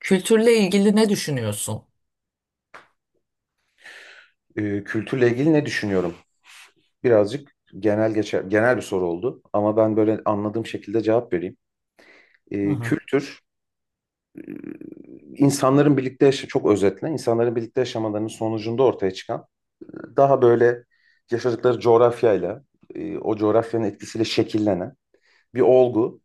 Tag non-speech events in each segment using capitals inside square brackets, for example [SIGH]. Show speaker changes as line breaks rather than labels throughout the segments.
Kültürle ilgili ne düşünüyorsun?
Kültürle ilgili ne düşünüyorum? Birazcık genel geçer, genel bir soru oldu ama ben böyle anladığım şekilde cevap vereyim.
Hı hı.
Kültür, insanların birlikte yaşa çok özetle, insanların birlikte yaşamalarının sonucunda ortaya çıkan e, daha böyle yaşadıkları coğrafyayla, o coğrafyanın etkisiyle şekillenen bir olgu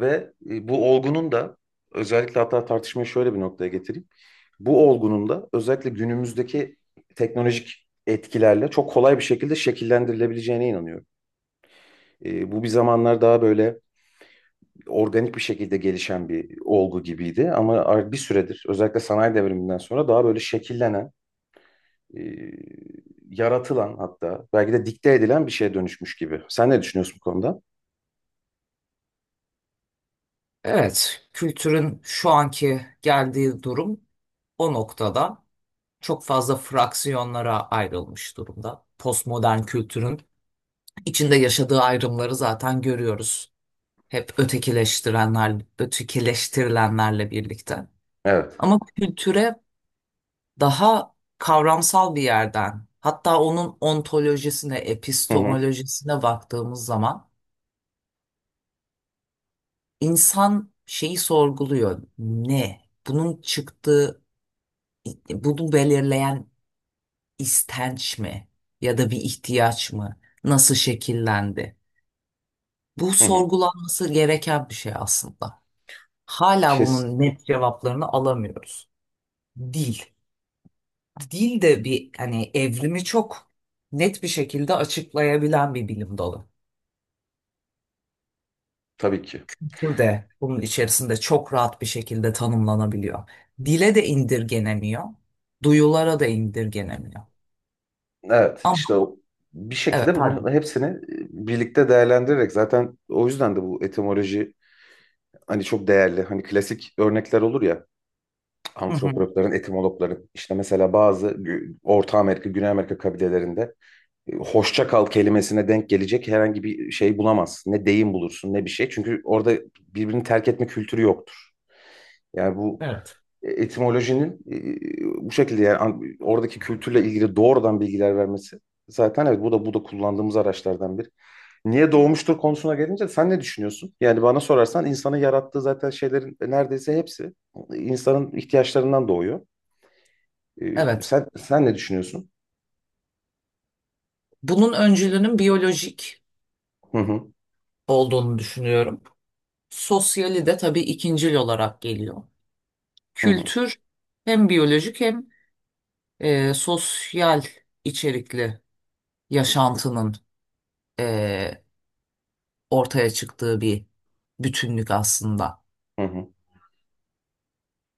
ve bu olgunun da özellikle hatta tartışmayı şöyle bir noktaya getireyim. Bu olgunun da özellikle günümüzdeki teknolojik etkilerle çok kolay bir şekilde şekillendirilebileceğine inanıyorum. Bu bir zamanlar daha böyle organik bir şekilde gelişen bir olgu gibiydi ama bir süredir özellikle sanayi devriminden sonra daha böyle şekillenen, e, yaratılan hatta belki de dikte edilen bir şeye dönüşmüş gibi. Sen ne düşünüyorsun bu konuda?
Evet, kültürün şu anki geldiği durum o noktada çok fazla fraksiyonlara ayrılmış durumda. Postmodern kültürün içinde yaşadığı ayrımları zaten görüyoruz. Hep ötekileştirenler, ötekileştirilenlerle birlikte.
Evet.
Ama kültüre daha kavramsal bir yerden, hatta onun ontolojisine,
Hı hı.
epistemolojisine baktığımız zaman İnsan şeyi sorguluyor. Ne? Bunun çıktığı, bunu belirleyen istenç mi? Ya da bir ihtiyaç mı? Nasıl şekillendi? Bu
Hı hı.
sorgulanması gereken bir şey aslında. Hala
Kes
bunun net cevaplarını alamıyoruz. Dil. Dil de bir hani evrimi çok net bir şekilde açıklayabilen bir bilim dalı.
tabii ki.
Tür de bunun içerisinde çok rahat bir şekilde tanımlanabiliyor. Dile de indirgenemiyor, duyulara da indirgenemiyor.
Evet,
Ama
işte bir
evet
şekilde
pardon.
bunun hepsini birlikte değerlendirerek zaten o yüzden de bu etimoloji hani çok değerli. Hani klasik örnekler olur ya
Hı hı.
antropologların, etimologların. İşte mesela bazı Orta Amerika, Güney Amerika kabilelerinde hoşça kal kelimesine denk gelecek herhangi bir şey bulamazsın. Ne deyim bulursun ne bir şey. Çünkü orada birbirini terk etme kültürü yoktur. Yani bu
Evet.
etimolojinin bu şekilde yani oradaki kültürle ilgili doğrudan bilgiler vermesi zaten evet bu da kullandığımız araçlardan biri. Niye doğmuştur konusuna gelince sen ne düşünüyorsun? Yani bana sorarsan insanın yarattığı zaten şeylerin neredeyse hepsi insanın ihtiyaçlarından doğuyor. E,
Evet.
sen sen ne düşünüyorsun?
Bunun öncülünün biyolojik
Hı hı
olduğunu düşünüyorum. Sosyali de tabii ikincil olarak geliyor.
hı hı.
Kültür hem biyolojik hem sosyal içerikli yaşantının e, ortaya çıktığı bir bütünlük aslında.
Hı hı.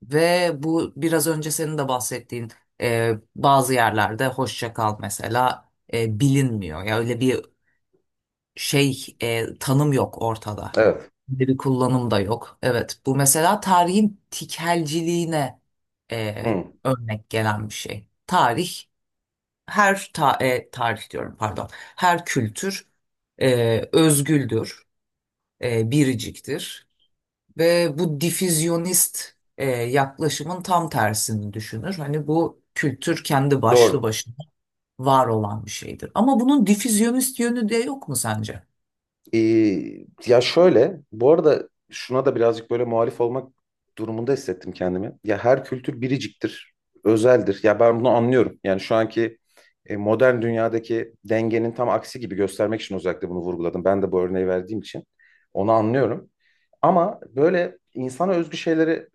Ve bu biraz önce senin de bahsettiğin bazı yerlerde hoşça kal mesela bilinmiyor. Ya öyle bir şey tanım yok ortada.
Evet.
Bir kullanım da yok. Evet bu mesela tarihin tikelciliğine e,
Hı.
örnek gelen bir şey. Tarih tarih diyorum pardon. Her kültür özgüldür, biriciktir. Ve bu difüzyonist yaklaşımın tam tersini düşünür. Hani bu kültür kendi başlı
Doğru.
başına var olan bir şeydir. Ama bunun difüzyonist yönü de yok mu sence?
Ee, Ya şöyle, bu arada şuna da birazcık böyle muhalif olmak durumunda hissettim kendimi. Ya her kültür biriciktir, özeldir. Ya ben bunu anlıyorum. Yani şu anki modern dünyadaki dengenin tam aksi gibi göstermek için özellikle bunu vurguladım. Ben de bu örneği verdiğim için onu anlıyorum. Ama böyle insana özgü şeyleri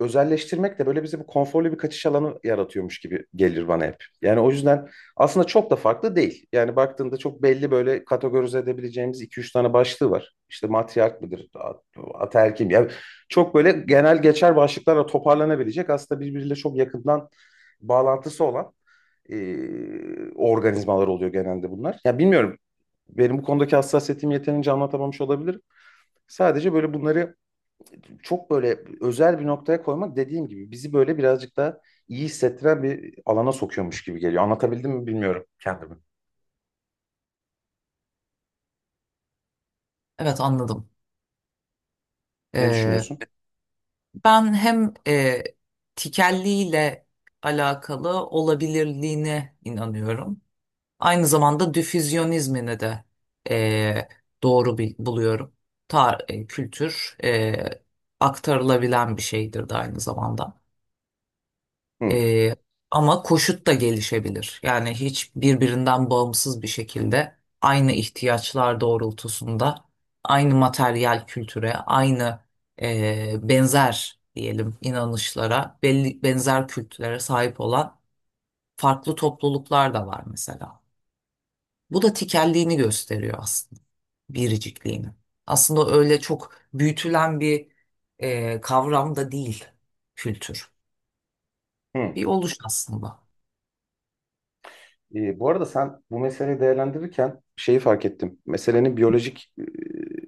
özelleştirmek de böyle bize bu konforlu bir kaçış alanı yaratıyormuş gibi gelir bana hep. Yani o yüzden aslında çok da farklı değil. Yani baktığında çok belli böyle kategorize edebileceğimiz iki üç tane başlığı var. İşte matriark mıdır, ataerkil mi? Yani çok böyle genel geçer başlıklarla toparlanabilecek aslında birbiriyle çok yakından bağlantısı olan e, organizmalar oluyor genelde bunlar. Ya bilmiyorum benim bu konudaki hassasiyetim yeterince anlatamamış olabilirim. Sadece böyle bunları çok böyle özel bir noktaya koymak dediğim gibi bizi böyle birazcık daha iyi hissettiren bir alana sokuyormuş gibi geliyor. Anlatabildim mi bilmiyorum kendimi.
Evet anladım.
Ne
E,
düşünüyorsun?
ben hem tikelliyle alakalı olabilirliğine inanıyorum. Aynı zamanda difüzyonizmini de e, doğru bir, buluyorum. Kültür aktarılabilen bir şeydir de aynı zamanda.
Hı,
Ee, ama koşut da gelişebilir. Yani hiç birbirinden bağımsız bir şekilde aynı ihtiyaçlar doğrultusunda aynı materyal kültüre, aynı benzer diyelim inanışlara, belli benzer kültürlere sahip olan farklı topluluklar da var mesela. Bu da tikelliğini gösteriyor aslında, biricikliğini. Aslında öyle çok büyütülen bir kavram da değil kültür.
hı.
Bir oluş aslında.
Bu arada sen bu meseleyi değerlendirirken şeyi fark ettim. Meselenin biyolojik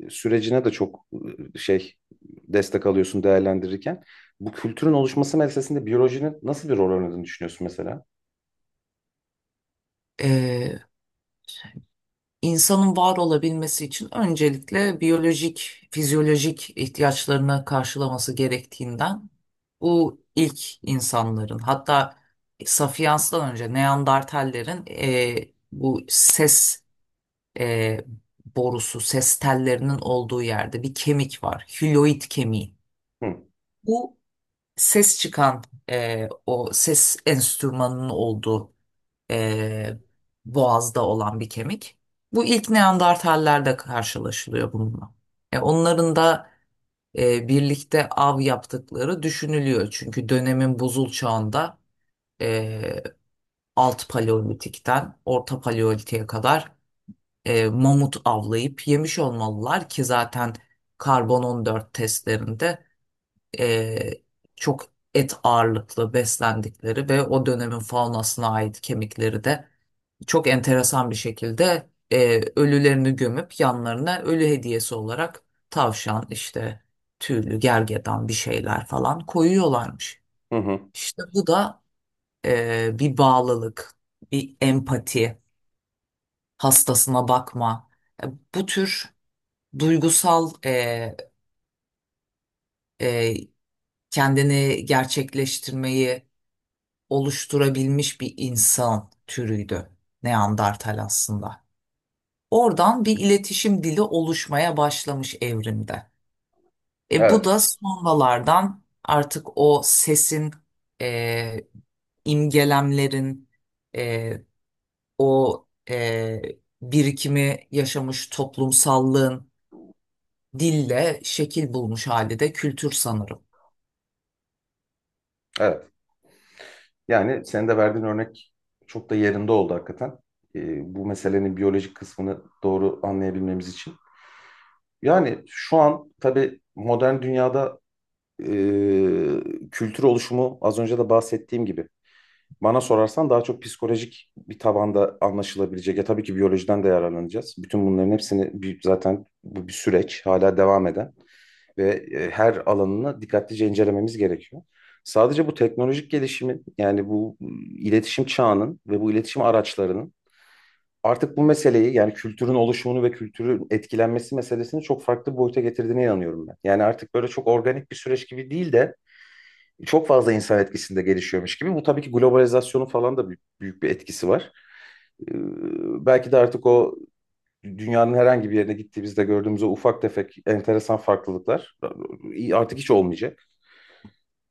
sürecine de çok e, şey destek alıyorsun değerlendirirken. Bu kültürün oluşması meselesinde biyolojinin nasıl bir rol oynadığını düşünüyorsun mesela?
İnsanın var olabilmesi için öncelikle biyolojik, fizyolojik ihtiyaçlarını karşılaması gerektiğinden bu ilk insanların hatta Sapiens'ten önce Neandertallerin bu ses e, borusu, ses tellerinin olduğu yerde bir kemik var. Hüloid kemiği.
Hı,
Bu ses çıkan o ses enstrümanının olduğu e, boğazda olan bir kemik. Bu ilk Neandertallerde karşılaşılıyor bununla. Onların da birlikte av yaptıkları düşünülüyor. Çünkü dönemin buzul çağında e, alt paleolitikten orta paleolitiğe kadar mamut avlayıp yemiş olmalılar ki zaten karbon 14 testlerinde e, çok et ağırlıklı beslendikleri ve o dönemin faunasına ait kemikleri de çok enteresan bir şekilde ölülerini gömüp yanlarına ölü hediyesi olarak tavşan işte tüylü gergedan bir şeyler falan koyuyorlarmış.
hı, hı.
İşte bu da bir bağlılık, bir empati, hastasına bakma. E, bu tür duygusal e, kendini gerçekleştirmeyi oluşturabilmiş bir insan türüydü Neandertal aslında. Oradan bir iletişim dili oluşmaya başlamış evrimde. E bu
Evet,
da sonralardan artık o sesin e, imgelemlerin e, o e, birikimi yaşamış toplumsallığın dille şekil bulmuş hali de kültür sanırım.
evet. Yani senin de verdiğin örnek çok da yerinde oldu hakikaten. Bu meselenin biyolojik kısmını doğru anlayabilmemiz için. Yani şu an tabii modern dünyada kültür oluşumu az önce de bahsettiğim gibi. Bana sorarsan daha çok psikolojik bir tabanda anlaşılabilecek. Ya tabii ki biyolojiden de yararlanacağız. Bütün bunların hepsini bir, zaten bu bir süreç hala devam eden ve her alanını dikkatlice incelememiz gerekiyor. Sadece bu teknolojik gelişimin yani bu iletişim çağının ve bu iletişim araçlarının artık bu meseleyi yani kültürün oluşumunu ve kültürün etkilenmesi meselesini çok farklı bir boyuta getirdiğine inanıyorum ben. Yani artık böyle çok organik bir süreç gibi değil de çok fazla insan etkisinde gelişiyormuş gibi. Bu tabii ki globalizasyonun falan da büyük, büyük bir etkisi var. Belki de artık o dünyanın herhangi bir yerine gittiğimizde gördüğümüz o ufak tefek enteresan farklılıklar artık hiç olmayacak.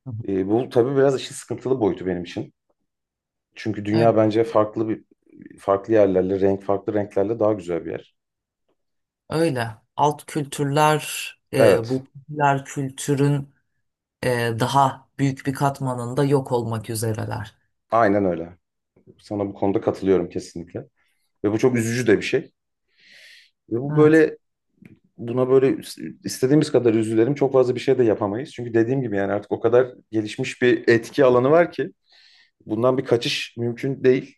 Hı hı.
Bu tabii biraz işin sıkıntılı boyutu benim için. Çünkü dünya
Evet,
bence farklı yerlerle, farklı renklerle daha güzel bir yer.
öyle. Alt kültürler
Evet,
bu popüler kültürün daha büyük bir katmanında yok olmak üzereler.
aynen öyle. Sana bu konuda katılıyorum kesinlikle. Ve bu çok üzücü de bir şey. Ve bu
Evet.
böyle buna böyle istediğimiz kadar üzülelim çok fazla bir şey de yapamayız. Çünkü dediğim gibi yani artık o kadar gelişmiş bir etki alanı var ki bundan bir kaçış mümkün değil.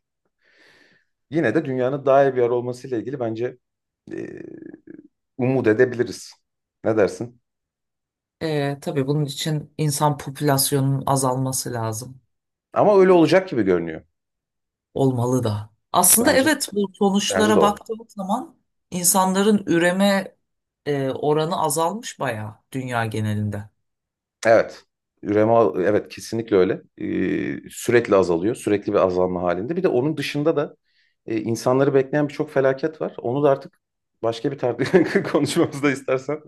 Yine de dünyanın daha iyi bir yer olmasıyla ilgili bence e, umut edebiliriz. Ne dersin?
Tabii bunun için insan popülasyonunun azalması lazım.
Ama öyle olacak gibi görünüyor.
Olmalı da. Aslında
Bence
evet bu
Bence de
sonuçlara
o.
baktığımız zaman insanların üreme oranı azalmış bayağı dünya genelinde.
Evet. Üreme evet kesinlikle öyle. Sürekli azalıyor. Sürekli bir azalma halinde. Bir de onun dışında da insanları bekleyen birçok felaket var. Onu da artık [LAUGHS] konuşmamızda istersen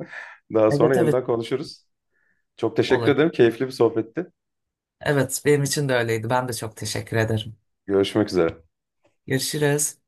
daha sonra
Evet evet
yeniden konuşuruz. Çok teşekkür
olur.
ederim. Keyifli bir sohbetti.
Evet benim için de öyleydi. Ben de çok teşekkür ederim.
Görüşmek üzere.
Görüşürüz.